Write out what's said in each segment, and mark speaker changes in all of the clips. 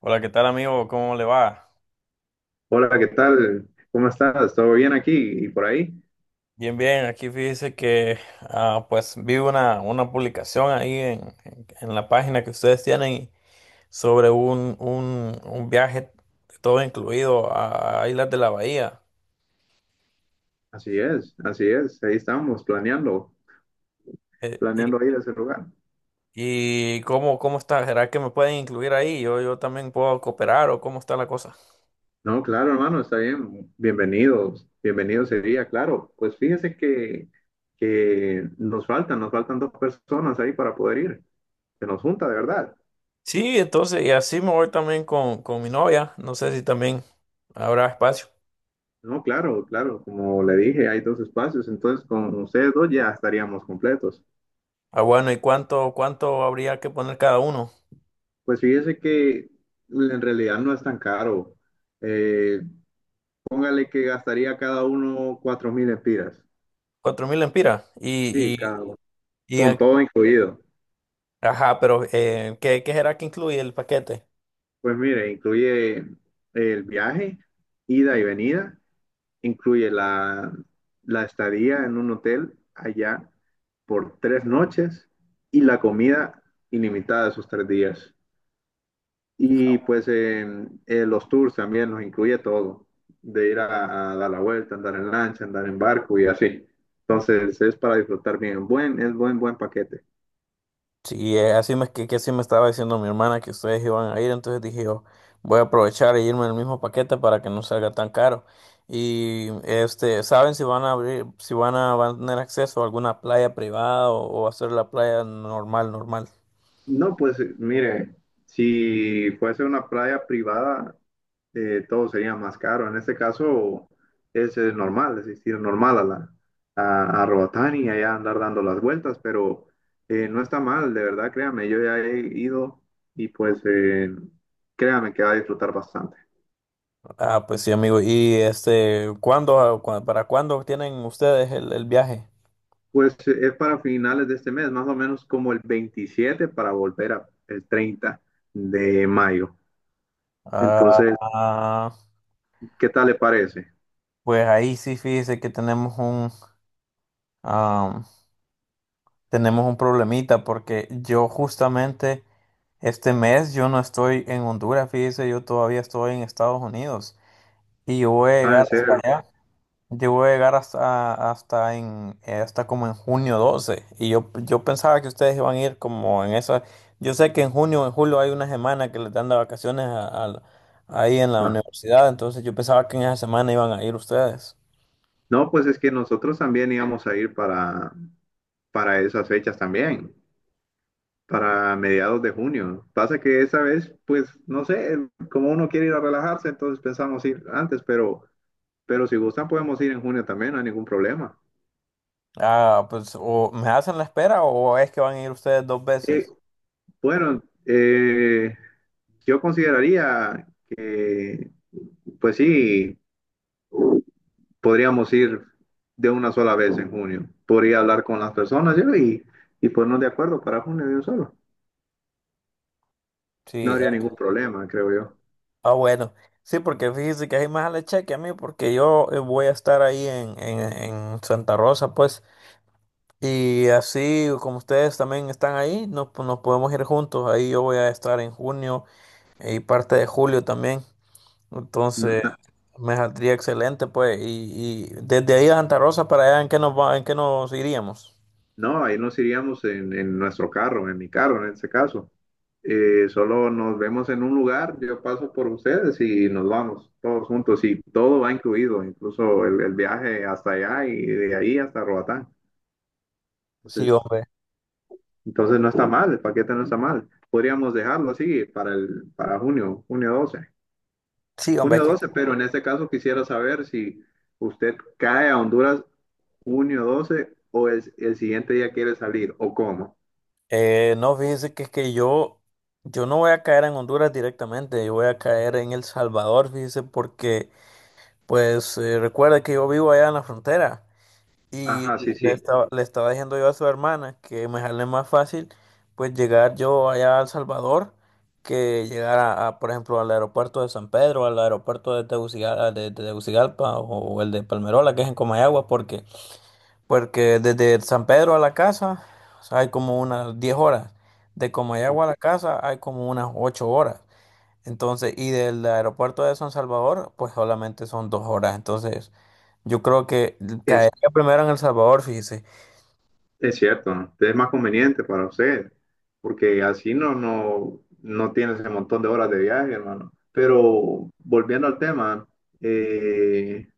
Speaker 1: Hola, ¿qué tal amigo? ¿Cómo le va?
Speaker 2: Hola, ¿qué tal? ¿Cómo estás? ¿Todo bien aquí y por ahí?
Speaker 1: Bien, bien, aquí fíjese que pues vi una publicación ahí en la página que ustedes tienen sobre un viaje todo incluido a Islas de la Bahía.
Speaker 2: Así es, así es. Ahí estamos planeando,
Speaker 1: Eh, y,
Speaker 2: planeando ir a ese lugar.
Speaker 1: ¿Cómo, cómo está? ¿Será que me pueden incluir ahí? ¿Yo también puedo cooperar o cómo está la cosa?
Speaker 2: No, claro, hermano, está bien. Bienvenidos, bienvenido sería, claro. Pues fíjese que nos faltan dos personas ahí para poder ir. Se nos junta, de verdad.
Speaker 1: Sí, entonces, y así me voy también con mi novia. No sé si también habrá espacio.
Speaker 2: No, claro, claro. Como le dije, hay dos espacios, entonces con ustedes dos ya estaríamos completos.
Speaker 1: Ah, bueno, ¿y cuánto habría que poner cada uno?
Speaker 2: Pues fíjese que en realidad no es tan caro. Eh, Póngale que gastaría cada uno 4.000 espiras.
Speaker 1: 4,000 empiras.
Speaker 2: Sí, cada uno.
Speaker 1: Y
Speaker 2: Con
Speaker 1: el-
Speaker 2: todo incluido.
Speaker 1: ajá, pero ¿qué, qué será que incluye el paquete?
Speaker 2: Pues mire, incluye el viaje, ida y venida, incluye la estadía en un hotel allá por 3 noches y la comida ilimitada esos 3 días. Y pues los tours también nos incluye todo, de ir a dar la vuelta, andar en lancha, andar en barco y así. Entonces es para disfrutar bien. Es buen paquete.
Speaker 1: Sí, así me, que así me estaba diciendo mi hermana que ustedes iban a ir, entonces dije yo, voy a aprovechar e irme en el mismo paquete para que no salga tan caro. Y este, ¿saben si van a abrir, si van a, van a tener acceso a alguna playa privada o va a ser la playa normal, normal?
Speaker 2: No, pues mire, si fuese una playa privada, todo sería más caro. En este caso es, normal, es decir, normal a Roatán y allá andar dando las vueltas, pero no está mal, de verdad, créame, yo ya he ido y pues créame que va a disfrutar bastante.
Speaker 1: Ah, pues sí, amigo. ¿Y este, cuándo, cua- para cuándo tienen ustedes el viaje?
Speaker 2: Pues es para finales de este mes, más o menos como el 27 para volver el 30 de mayo. Entonces,
Speaker 1: Ah,
Speaker 2: ¿qué tal le parece?
Speaker 1: pues ahí sí, fíjese que tenemos am, tenemos un problemita porque yo justamente este mes yo no estoy en Honduras, fíjese, yo todavía estoy en Estados Unidos y yo voy a
Speaker 2: Ah, en
Speaker 1: llegar hasta
Speaker 2: serio.
Speaker 1: allá, yo voy a llegar hasta como en junio 12 y yo pensaba que ustedes iban a ir como en esa, yo sé que en junio, en julio hay una semana que les dan de vacaciones ahí en la
Speaker 2: Ah.
Speaker 1: universidad, entonces yo pensaba que en esa semana iban a ir ustedes.
Speaker 2: No, pues es que nosotros también íbamos a ir para, esas fechas también, para mediados de junio. Pasa que esa vez, pues, no sé, como uno quiere ir a relajarse, entonces pensamos ir antes, pero si gustan podemos ir en junio también, no hay ningún problema.
Speaker 1: Ah, pues o me hacen la espera o es que van a ir ustedes dos
Speaker 2: Eh,
Speaker 1: veces.
Speaker 2: bueno, yo consideraría que, pues sí, podríamos ir de una sola vez en junio. Podría hablar con las personas yo y ponernos de acuerdo para junio de un solo.
Speaker 1: Sí,
Speaker 2: No habría
Speaker 1: eh,
Speaker 2: ningún problema, creo yo.
Speaker 1: ah, bueno. Sí, porque fíjese que hay más le cheque a mí porque yo voy a estar ahí en Santa Rosa, pues. Y así como ustedes también están ahí, nos podemos ir juntos. Ahí yo voy a estar en junio y parte de julio también. Entonces,
Speaker 2: N-
Speaker 1: me saldría excelente, pues. Y desde ahí a Santa Rosa para allá, ¿en qué nos va, en qué nos iríamos?
Speaker 2: No, ahí nos iríamos en nuestro carro, en mi carro en ese caso. Solo nos vemos en un lugar, yo paso por ustedes y nos vamos todos juntos y todo va incluido, incluso el viaje hasta allá y de ahí hasta Roatán.
Speaker 1: Sí,
Speaker 2: Entonces,
Speaker 1: hombre.
Speaker 2: entonces no está mal, el paquete no está mal. Podríamos dejarlo así para junio doce.
Speaker 1: Sí, hombre,
Speaker 2: Junio
Speaker 1: que
Speaker 2: 12, pero en este caso quisiera saber si usted cae a Honduras junio 12 o el siguiente día quiere salir o cómo.
Speaker 1: No, fíjese que es que yo no voy a caer en Honduras directamente, yo voy a caer en El Salvador, fíjese, porque pues recuerda que yo vivo allá en la frontera y
Speaker 2: Ajá, sí, sí,
Speaker 1: le estaba diciendo yo a su hermana que me sale más fácil pues llegar yo allá a El Salvador que llegar por ejemplo, al aeropuerto de San Pedro, al aeropuerto de Tegucigalpa, de Tegucigalpa o el de Palmerola, que es en Comayagua, porque... Porque desde San Pedro a la casa, o sea, hay como unas 10 horas. De Comayagua a la casa hay como unas 8 horas. Entonces, y del aeropuerto de San Salvador, pues solamente son 2 horas. Entonces, yo creo que
Speaker 2: es,
Speaker 1: caería primero en El Salvador, fíjese.
Speaker 2: es cierto, ¿no? Es más conveniente para usted, porque así no, no, no tiene ese montón de horas de viaje, hermano. Pero volviendo al tema, eh,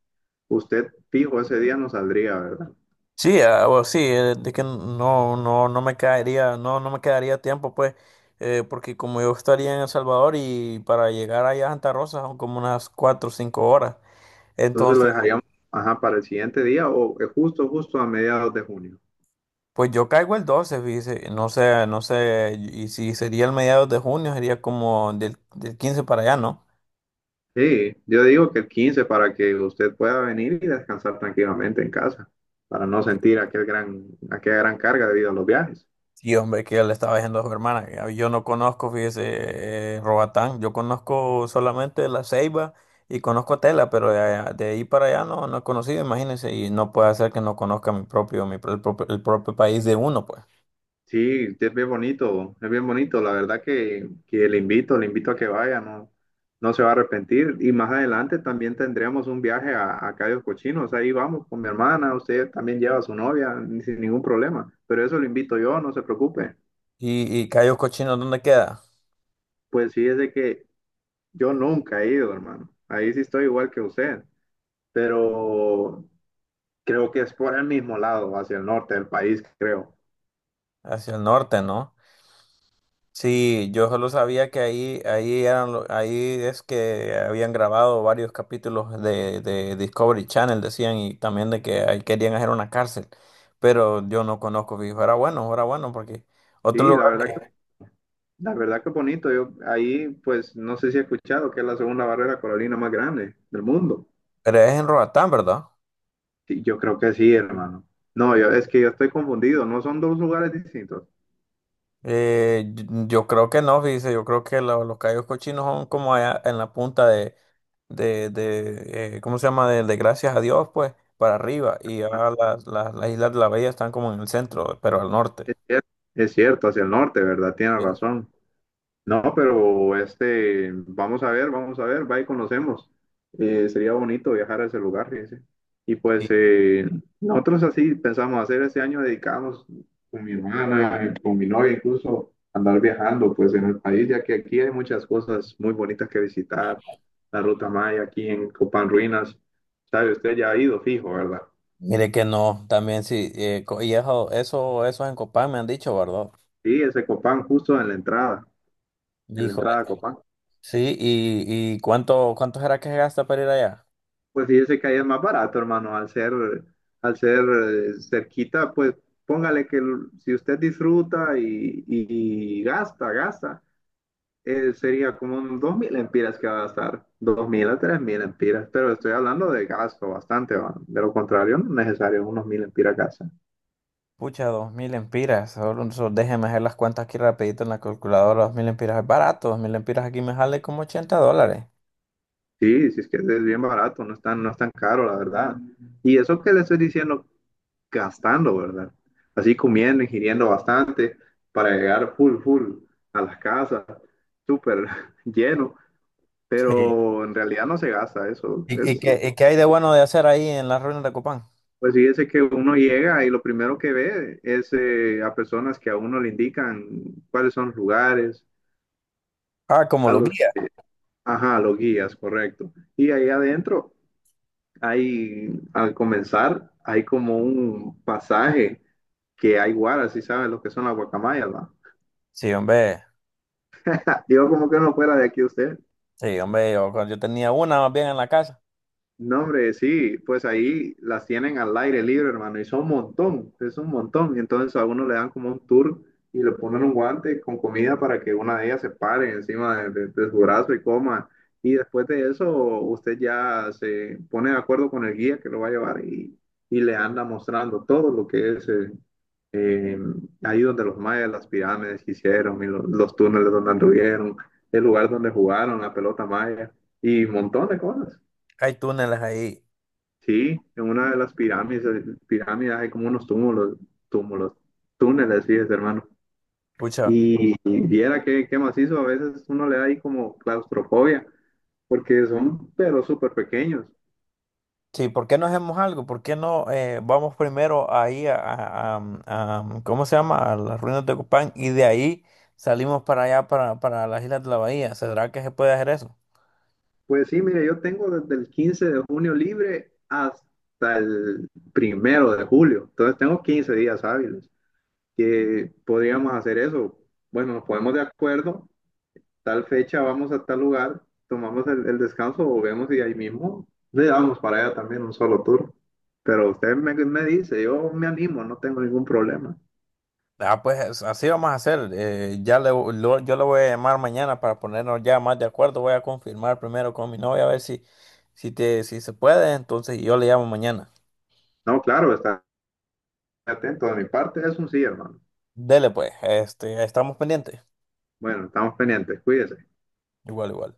Speaker 2: usted fijo ese día no saldría, ¿verdad?
Speaker 1: Sí, ah, o sí, de que no, no, no me caería, no, no me quedaría tiempo, pues, porque como yo estaría en El Salvador y para llegar allá a Santa Rosa son como unas 4 o 5 horas.
Speaker 2: Entonces lo dejaríamos, ajá, para el siguiente día o justo, justo a mediados de junio.
Speaker 1: Pues yo caigo el 12, fíjese, no sé, no sé, y si sería el mediados de junio, sería como del 15 para allá, ¿no?
Speaker 2: Sí, yo digo que el 15 para que usted pueda venir y descansar tranquilamente en casa, para no sentir aquella gran carga debido a los viajes.
Speaker 1: Sí, hombre, que yo le estaba diciendo a su hermana, que a- yo no conozco, fíjese, Roatán, yo conozco solamente La Ceiba y conozco Tela, pero de, allá- de ahí para allá no, no he conocido, imagínense, y no puede ser que no conozca mi propio, mi, pro- el propio país de uno, pues.
Speaker 2: Sí, es bien bonito, es bien bonito. La verdad que le invito a que vaya, no, no se va a arrepentir. Y más adelante también tendríamos un viaje a Cayos Cochinos. Ahí vamos con mi hermana, usted también lleva a su novia, sin ningún problema. Pero eso lo invito yo, no se preocupe.
Speaker 1: Y Cayos Cochinos, ¿dónde queda?
Speaker 2: Pues fíjese que yo nunca he ido, hermano. Ahí sí estoy igual que usted. Pero creo que es por el mismo lado, hacia el norte del país, creo.
Speaker 1: Hacia el norte, ¿no? Sí, yo solo sabía que ahí, ahí eran, lo- ahí es que habían grabado varios capítulos de Discovery Channel, decían, y también de que ahí querían hacer una cárcel, pero yo no conozco, fijo, era bueno, porque otro
Speaker 2: Sí, la
Speaker 1: lugar
Speaker 2: verdad.
Speaker 1: que,
Speaker 2: La verdad que bonito. Yo ahí, pues, no sé si he escuchado que es la segunda barrera coralina más grande del mundo.
Speaker 1: pero es en Roatán, ¿verdad?
Speaker 2: Sí, yo creo que sí, hermano. No, es que yo estoy confundido. No son dos lugares distintos.
Speaker 1: Yo creo que no, dice, yo creo que lo- los callos cochinos son como allá en la punta de, ¿cómo se llama? De Gracias a Dios, pues, para arriba, y ya las Islas de la Bella están como en el centro, pero al norte.
Speaker 2: Es cierto, es cierto, hacia el norte, ¿verdad? Tiene razón. No, pero este, vamos a ver, va y conocemos. Sería bonito viajar a ese lugar, fíjese. Y pues nosotros así pensamos hacer este año, dedicamos con mi hermana, con mi novia incluso, andar viajando pues en el país, ya que aquí hay muchas cosas muy bonitas que visitar. La Ruta Maya aquí en Copán Ruinas, sabe, usted ya ha ido fijo, ¿verdad?
Speaker 1: Mire que no, también sí, co- y eso en Copán me han dicho, ¿verdad?
Speaker 2: Sí, ese Copán justo en la entrada, en la
Speaker 1: Hijo,
Speaker 2: entrada a Copán.
Speaker 1: sí, y ¿cuánto, cuánto será que se gasta para ir allá?
Speaker 2: Pues fíjese que ahí es más barato, hermano, al ser cerquita, pues póngale que si usted disfruta y gasta, gasta, sería como unos 2.000 empiras que va a gastar, 2.000 a 3.000 empiras, pero estoy hablando de gasto bastante, va. De lo contrario, no es necesario unos 1.000 empiras gasta.
Speaker 1: Pucha, 2,000 empiras, solo, solo déjeme hacer las cuentas aquí rapidito en la calculadora, 2,000 empiras es barato, 2,000 empiras aquí me sale como 80 dólares.
Speaker 2: Sí, si es que es bien barato, no es tan, no es tan caro, la verdad. Y eso que le estoy diciendo gastando, ¿verdad? Así comiendo, ingiriendo bastante para llegar full, full a las casas, súper lleno,
Speaker 1: Sí.
Speaker 2: pero en realidad no se gasta eso. Es,
Speaker 1: Y qué hay de bueno de hacer ahí en las ruinas de Copán?
Speaker 2: pues fíjese que uno llega y lo primero que ve es a personas que a uno le indican cuáles son los lugares,
Speaker 1: Ah, como
Speaker 2: a
Speaker 1: los
Speaker 2: los,
Speaker 1: guías.
Speaker 2: ajá, a los guías, correcto. Y ahí adentro hay, al comenzar, hay como un pasaje que hay guaras, si saben lo que son las guacamayas, ¿va?
Speaker 1: Sí, hombre,
Speaker 2: Digo como que no fuera de aquí usted.
Speaker 1: sí, hombre, yo tenía una más bien en la casa,
Speaker 2: No, hombre, sí, pues ahí las tienen al aire libre, hermano, y son un montón, es un montón. Y entonces a uno le dan como un tour y le ponen un guante con comida para que una de ellas se pare encima de su brazo y coma. Y después de eso, usted ya se pone de acuerdo con el guía que lo va a llevar y le anda mostrando todo lo que es eh, ahí donde los mayas, las pirámides que hicieron y los túneles donde anduvieron, el lugar donde jugaron, la pelota maya y un montón de cosas.
Speaker 1: hay túneles ahí,
Speaker 2: Sí, en una de las pirámides hay como unos túmulos, túmulos, túneles, sí, es, hermano.
Speaker 1: pucha.
Speaker 2: Y viera qué, macizo, a veces uno le da ahí como claustrofobia, porque son, pero súper pequeños.
Speaker 1: Sí, ¿por qué no hacemos algo? ¿Por qué no vamos primero ahí ¿cómo se llama? A las ruinas de Copán y de ahí salimos para allá, para las Islas de la Bahía. ¿Será que se puede hacer eso?
Speaker 2: Pues sí, mire, yo tengo desde el 15 de junio libre hasta el primero de julio, entonces tengo 15 días hábiles que podríamos hacer eso. Bueno, nos ponemos de acuerdo tal fecha vamos a tal lugar, tomamos el descanso, volvemos y ahí mismo le damos para allá también un solo tour. Pero usted me dice, yo me animo, no tengo ningún problema.
Speaker 1: Ah, pues es- así vamos a hacer. Yo le voy a llamar mañana para ponernos ya más de acuerdo. Voy a confirmar primero con mi novia a ver si, si, te, si se puede. Entonces yo le llamo mañana.
Speaker 2: No, claro, está atento de mi parte, es un sí, hermano.
Speaker 1: Dele pues, este, estamos pendientes.
Speaker 2: Bueno, estamos pendientes, cuídese.
Speaker 1: Igual, igual.